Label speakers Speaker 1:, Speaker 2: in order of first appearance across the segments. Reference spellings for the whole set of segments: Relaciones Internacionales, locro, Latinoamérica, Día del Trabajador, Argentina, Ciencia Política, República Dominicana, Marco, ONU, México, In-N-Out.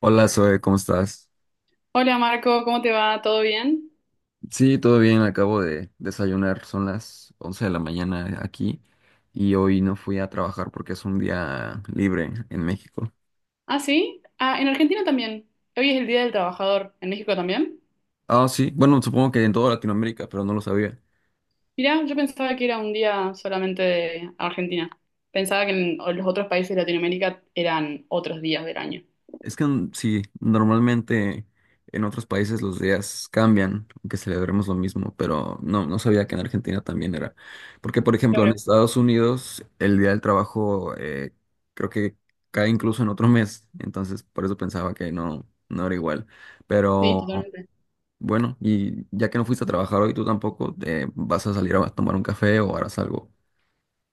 Speaker 1: Hola Zoe, ¿cómo estás?
Speaker 2: Hola Marco, ¿cómo te va? ¿Todo bien?
Speaker 1: Sí, todo bien, acabo de desayunar, son las 11 de la mañana aquí y hoy no fui a trabajar porque es un día libre en México.
Speaker 2: ¿Ah, sí? Ah, en Argentina también. Hoy es el Día del Trabajador. ¿En México también?
Speaker 1: Ah, sí, bueno, supongo que en toda Latinoamérica, pero no lo sabía.
Speaker 2: Mirá, yo pensaba que era un día solamente de Argentina. Pensaba que en los otros países de Latinoamérica eran otros días del año.
Speaker 1: Es que sí, normalmente en otros países los días cambian, aunque celebremos lo mismo, pero no, no sabía que en Argentina también era. Porque, por ejemplo, en
Speaker 2: Claro.
Speaker 1: Estados Unidos el Día del Trabajo, creo que cae incluso en otro mes, entonces por eso pensaba que no, no era igual.
Speaker 2: Sí,
Speaker 1: Pero
Speaker 2: totalmente.
Speaker 1: bueno, y ya que no fuiste a trabajar hoy, tú tampoco, vas a salir a tomar un café o harás algo.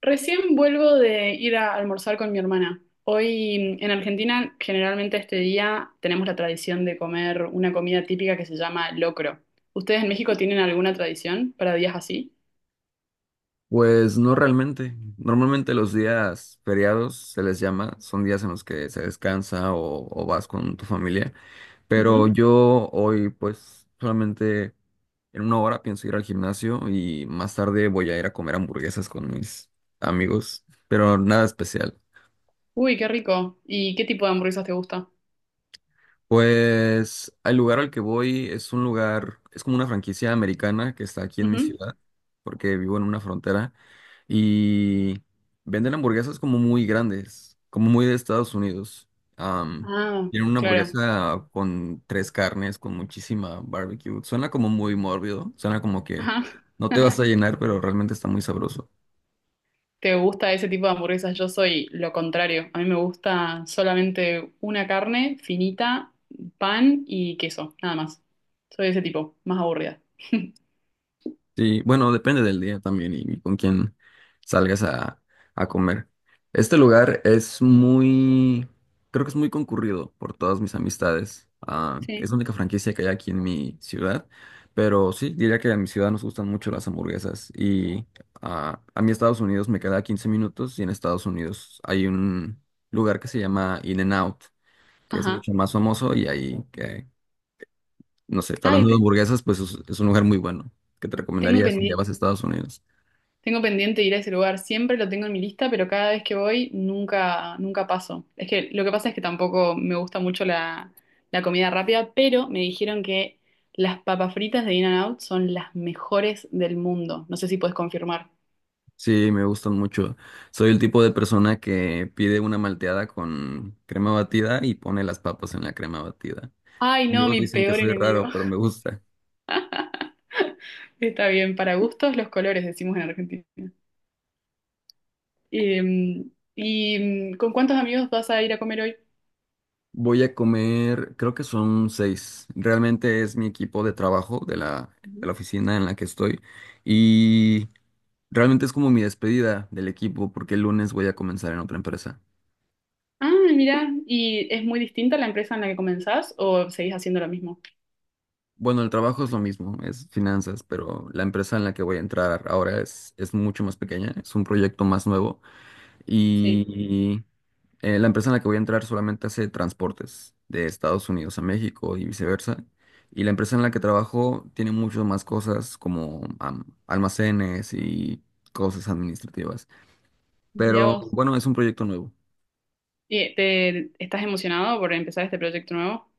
Speaker 2: Recién vuelvo de ir a almorzar con mi hermana. Hoy en Argentina, generalmente este día tenemos la tradición de comer una comida típica que se llama locro. ¿Ustedes en México tienen alguna tradición para días así?
Speaker 1: Pues no realmente. Normalmente los días feriados se les llama, son días en los que se descansa o vas con tu familia, pero yo hoy pues solamente en una hora pienso ir al gimnasio y más tarde voy a ir a comer hamburguesas con mis amigos, pero nada especial.
Speaker 2: Uy, qué rico. ¿Y qué tipo de hamburguesas te gusta?
Speaker 1: Pues el lugar al que voy es un lugar, es como una franquicia americana que está aquí en mi
Speaker 2: Ujú.
Speaker 1: ciudad, porque vivo en una frontera, y venden hamburguesas como muy grandes, como muy de Estados Unidos. Am,
Speaker 2: Ah,
Speaker 1: tienen una
Speaker 2: claro.
Speaker 1: hamburguesa con tres carnes, con muchísima barbecue. Suena como muy mórbido, suena como que
Speaker 2: Ajá.
Speaker 1: no te vas a llenar, pero realmente está muy sabroso.
Speaker 2: ¿Te gusta ese tipo de hamburguesas? Yo soy lo contrario. A mí me gusta solamente una carne finita, pan y queso, nada más. Soy ese tipo, más aburrida.
Speaker 1: Sí, bueno, depende del día también y con quién salgas a comer. Este lugar es muy, creo que es muy concurrido por todas mis amistades. Ah, es
Speaker 2: Sí.
Speaker 1: la única franquicia que hay aquí en mi ciudad, pero sí, diría que a mi ciudad nos gustan mucho las hamburguesas y ah, a mí Estados Unidos me queda 15 minutos y en Estados Unidos hay un lugar que se llama In-N-Out, que es
Speaker 2: Ajá.
Speaker 1: mucho más famoso y ahí no sé, está
Speaker 2: Ay,
Speaker 1: hablando de hamburguesas, pues es un lugar muy bueno que te
Speaker 2: tengo
Speaker 1: recomendaría si ya
Speaker 2: pendiente.
Speaker 1: vas a Estados Unidos.
Speaker 2: Tengo pendiente ir a ese lugar, siempre lo tengo en mi lista, pero cada vez que voy nunca, nunca paso. Es que lo que pasa es que tampoco me gusta mucho la comida rápida, pero me dijeron que las papas fritas de In-N-Out son las mejores del mundo. No sé si puedes confirmar.
Speaker 1: Sí, me gustan mucho. Soy el tipo de persona que pide una malteada con crema batida y pone las papas en la crema batida.
Speaker 2: Ay, no,
Speaker 1: Amigos
Speaker 2: mi
Speaker 1: dicen que
Speaker 2: peor
Speaker 1: soy
Speaker 2: enemigo.
Speaker 1: raro, pero me gusta.
Speaker 2: Está bien, para gustos los colores, decimos en Argentina. Eh, ¿Y con cuántos amigos vas a ir a comer hoy?
Speaker 1: Voy a comer, creo que son seis. Realmente es mi equipo de trabajo de
Speaker 2: Ujú.
Speaker 1: la oficina en la que estoy. Y realmente es como mi despedida del equipo porque el lunes voy a comenzar en otra empresa.
Speaker 2: Ah, mirá, ¿y es muy distinta la empresa en la que comenzás o seguís haciendo lo mismo?
Speaker 1: Bueno, el trabajo es lo mismo, es finanzas, pero la empresa en la que voy a entrar ahora es mucho más pequeña, es un proyecto más nuevo
Speaker 2: Sí,
Speaker 1: y la empresa en la que voy a entrar solamente hace transportes de Estados Unidos a México y viceversa. Y la empresa en la que trabajo tiene muchas más cosas como am- almacenes y cosas administrativas.
Speaker 2: mirá
Speaker 1: Pero
Speaker 2: vos.
Speaker 1: bueno, es un proyecto nuevo.
Speaker 2: ¿Y te, estás emocionado por empezar este proyecto nuevo?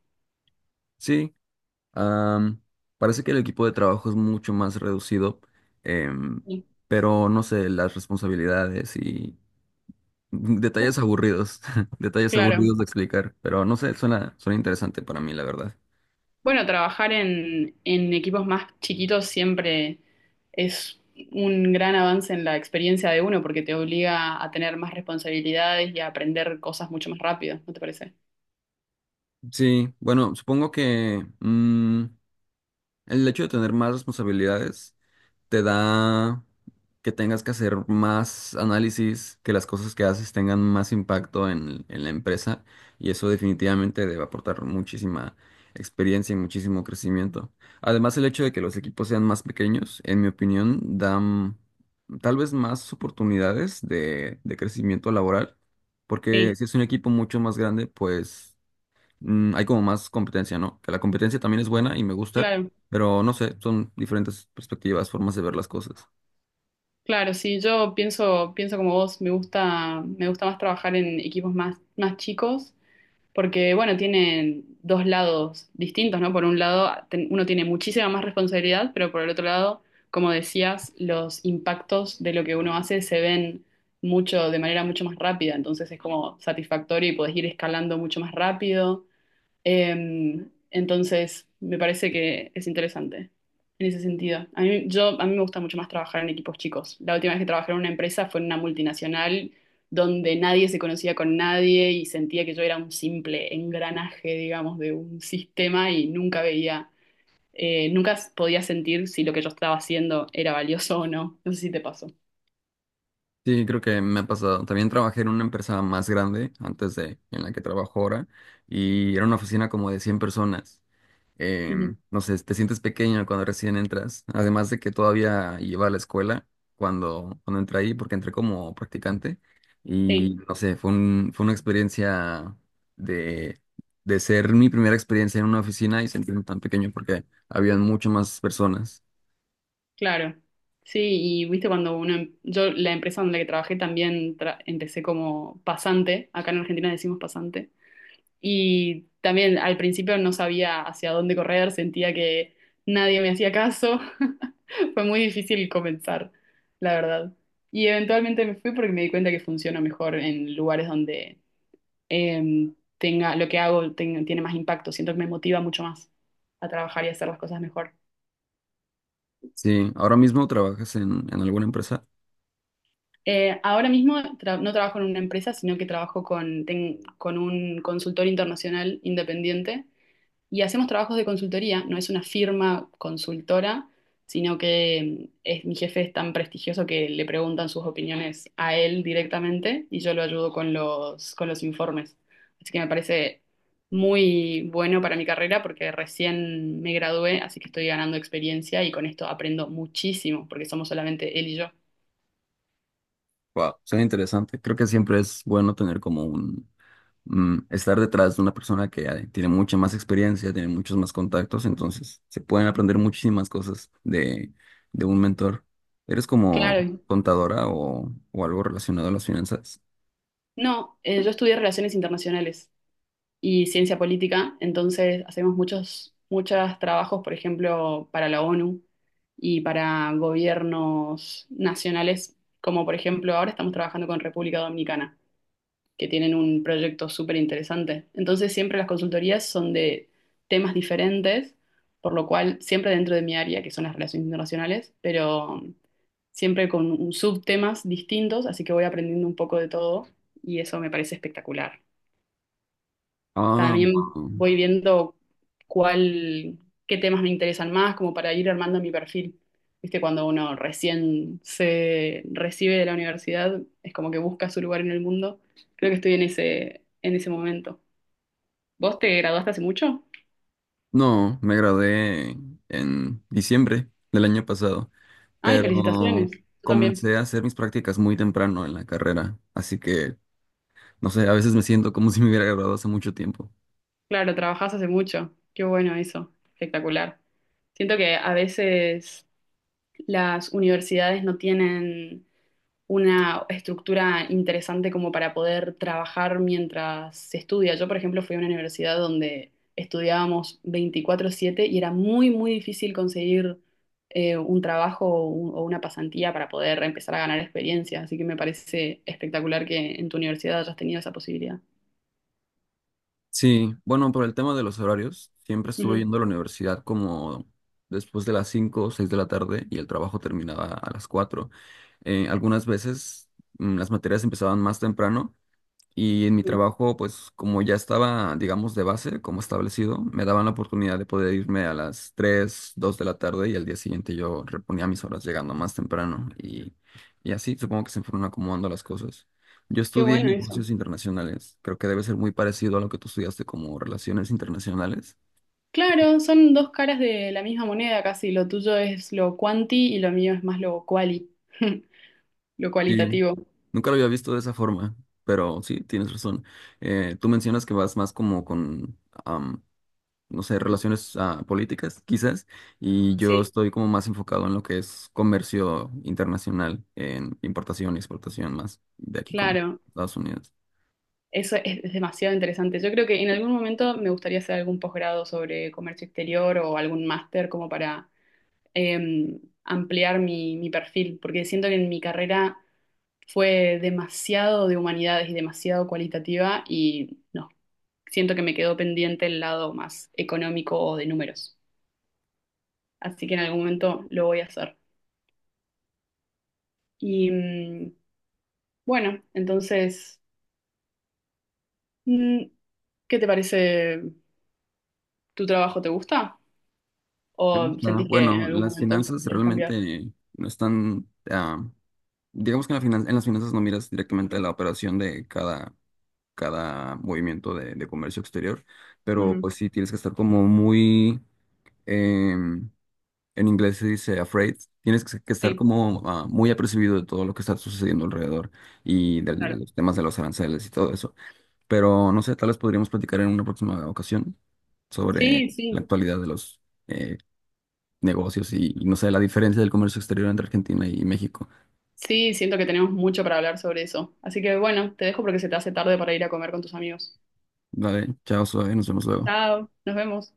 Speaker 1: Sí. Am, Parece que el equipo de trabajo es mucho más reducido, em,
Speaker 2: Sí.
Speaker 1: pero no sé, las responsabilidades y
Speaker 2: Uh,
Speaker 1: detalles aburridos, detalles
Speaker 2: claro.
Speaker 1: aburridos de explicar, pero no sé, suena, suena interesante para mí, la verdad.
Speaker 2: Bueno, trabajar en equipos más chiquitos siempre es un gran avance en la experiencia de uno porque te obliga a tener más responsabilidades y a aprender cosas mucho más rápido, ¿no te parece?
Speaker 1: Sí, bueno, supongo que el hecho de tener más responsabilidades te da que tengas que hacer más análisis, que las cosas que haces tengan más impacto en la empresa y eso definitivamente debe aportar muchísima experiencia y muchísimo crecimiento. Además, el hecho de que los equipos sean más pequeños, en mi opinión, dan tal vez más oportunidades de crecimiento laboral, porque
Speaker 2: Sí,
Speaker 1: si es un equipo mucho más grande, pues hay como más competencia, ¿no? Que la competencia también es buena y me gusta,
Speaker 2: claro,
Speaker 1: pero no sé, son diferentes perspectivas, formas de ver las cosas.
Speaker 2: claro, sí, yo pienso como vos, me gusta más trabajar en equipos más chicos porque bueno, tienen dos lados distintos, ¿no? Por un lado, uno tiene muchísima más responsabilidad, pero por el otro lado, como decías, los impactos de lo que uno hace se ven mucho, de manera mucho más rápida, entonces es como satisfactorio y podés ir escalando mucho más rápido eh, entonces, me parece que es interesante en ese sentido. A mí, yo, a mí me gusta mucho más trabajar en equipos chicos. La última vez que trabajé en una empresa fue en una multinacional donde nadie se conocía con nadie y sentía que yo era un simple engranaje, digamos, de un sistema y nunca veía, nunca podía sentir si lo que yo estaba haciendo era valioso o no. No sé si te pasó.
Speaker 1: Sí, creo que me ha pasado. También trabajé en una empresa más grande antes de en la que trabajo ahora y era una oficina como de 100 personas. eh,
Speaker 2: Ujú.
Speaker 1: no sé, te sientes pequeño cuando recién entras, además de que todavía iba a la escuela cuando, cuando entré ahí, porque entré como practicante
Speaker 2: Sí.
Speaker 1: y no sé, fue un, fue una experiencia de, de ser mi primera experiencia en una oficina y sentirme tan pequeño porque habían muchas más personas.
Speaker 2: Claro, sí, y viste cuando uno, yo la empresa donde que trabajé también empecé como pasante, acá en Argentina decimos pasante, y también al principio no sabía hacia dónde correr, sentía que nadie me hacía caso, fue muy difícil comenzar, la verdad. Y eventualmente me fui porque me di cuenta que funciona mejor en lugares donde tenga, lo que hago tiene más impacto, siento que me motiva mucho más a trabajar y hacer las cosas mejor.
Speaker 1: Sí, ahora mismo trabajas en alguna empresa.
Speaker 2: Ahora mismo no trabajo en una empresa, sino que trabajo con un consultor internacional independiente y hacemos trabajos de consultoría. No es una firma consultora, sino que es, mi jefe es tan prestigioso que le preguntan sus opiniones a él directamente y yo lo ayudo con con los informes. Así que me parece muy bueno para mi carrera porque recién me gradué, así que estoy ganando experiencia y con esto aprendo muchísimo porque somos solamente él y yo.
Speaker 1: Wow, suena interesante. Creo que siempre es bueno tener como un, estar detrás de una persona que tiene mucha más experiencia, tiene muchos más contactos, entonces se pueden aprender muchísimas cosas de un mentor. ¿Eres como
Speaker 2: Claro,
Speaker 1: contadora o algo relacionado a las finanzas?
Speaker 2: no, yo estudié Relaciones Internacionales y Ciencia Política, entonces hacemos muchos, muchos trabajos, por ejemplo, para la ONU y para gobiernos nacionales, como por ejemplo ahora estamos trabajando con República Dominicana, que tienen un proyecto súper interesante. Entonces siempre las consultorías son de temas diferentes, por lo cual siempre dentro de mi área, que son las relaciones internacionales, pero siempre con subtemas distintos, así que voy aprendiendo un poco de todo y eso me parece espectacular.
Speaker 1: Ah,
Speaker 2: También
Speaker 1: wow.
Speaker 2: voy viendo cuál, qué temas me interesan más, como para ir armando mi perfil. Viste, cuando uno recién se recibe de la universidad, es como que busca su lugar en el mundo. Creo que estoy en ese momento. ¿Vos te graduaste hace mucho?
Speaker 1: No, me gradué en diciembre del año pasado,
Speaker 2: Ay, felicitaciones.
Speaker 1: pero
Speaker 2: Tú también.
Speaker 1: comencé a hacer mis prácticas muy temprano en la carrera, así que, no sé, a veces me siento como si me hubiera graduado hace mucho tiempo.
Speaker 2: Claro, trabajás hace mucho. Qué bueno eso. Espectacular. Siento que a veces las universidades no tienen una estructura interesante como para poder trabajar mientras se estudia. Yo, por ejemplo, fui a una universidad donde estudiábamos 24/7 y era muy, muy difícil conseguir un trabajo o, o una pasantía para poder empezar a ganar experiencia. Así que me parece espectacular que en tu universidad hayas tenido esa posibilidad.
Speaker 1: Sí, bueno, por el tema de los horarios, siempre estuve
Speaker 2: Ujú,
Speaker 1: yendo a la universidad como después de las 5, o 6 de la tarde y el trabajo terminaba a las 4. Algunas veces las materias empezaban más temprano y en mi
Speaker 2: sí.
Speaker 1: trabajo, pues como ya estaba, digamos, de base, como establecido, me daban la oportunidad de poder irme a las 3 2 de la tarde y al día siguiente yo reponía mis horas llegando más temprano. Y así supongo que se fueron acomodando las cosas. Yo
Speaker 2: Qué
Speaker 1: estudié
Speaker 2: bueno eso.
Speaker 1: negocios internacionales. Creo que debe ser muy parecido a lo que tú estudiaste como relaciones internacionales.
Speaker 2: Claro, son dos caras de la misma moneda casi. Lo tuyo es lo cuanti y lo mío es más lo quali. Lo
Speaker 1: Sí,
Speaker 2: cualitativo.
Speaker 1: nunca lo había visto de esa forma, pero sí, tienes razón. Tú mencionas que vas más como con... no sé, relaciones ah, políticas, quizás, y yo
Speaker 2: Sí.
Speaker 1: estoy como más enfocado en lo que es comercio internacional, en importación y exportación más de aquí con
Speaker 2: Claro,
Speaker 1: Estados Unidos.
Speaker 2: eso es demasiado interesante. Yo creo que en algún momento me gustaría hacer algún posgrado sobre comercio exterior o algún máster como para ampliar mi perfil, porque siento que en mi carrera fue demasiado de humanidades y demasiado cualitativa y no, siento que me quedó pendiente el lado más económico o de números. Así que en algún momento lo voy a hacer. Y bueno, entonces, mm, ¿qué te parece? ¿Tu trabajo te gusta?
Speaker 1: Me
Speaker 2: ¿O
Speaker 1: gusta.
Speaker 2: sentís que en
Speaker 1: Bueno,
Speaker 2: algún
Speaker 1: las
Speaker 2: momento
Speaker 1: finanzas
Speaker 2: quieres cambiar?
Speaker 1: realmente no están, ah, digamos que en, la finan- en las finanzas no miras directamente la operación de cada, cada movimiento de comercio exterior, pero
Speaker 2: Ujú,
Speaker 1: pues sí tienes que estar como muy... em, en inglés se dice afraid. Tienes que estar
Speaker 2: sí,
Speaker 1: como ah, muy apercibido de todo lo que está sucediendo alrededor y de
Speaker 2: claro.
Speaker 1: los temas de los aranceles y todo eso. Pero no sé, tal vez podríamos platicar en una próxima ocasión sobre
Speaker 2: Sí,
Speaker 1: la
Speaker 2: sí.
Speaker 1: actualidad de los eh, negocios y no sé, la diferencia del comercio exterior entre Argentina y México.
Speaker 2: Sí, siento que tenemos mucho para hablar sobre eso. Así que bueno, te dejo porque se te hace tarde para ir a comer con tus amigos.
Speaker 1: Vale, chao, suave, nos vemos luego.
Speaker 2: Chao, nos vemos.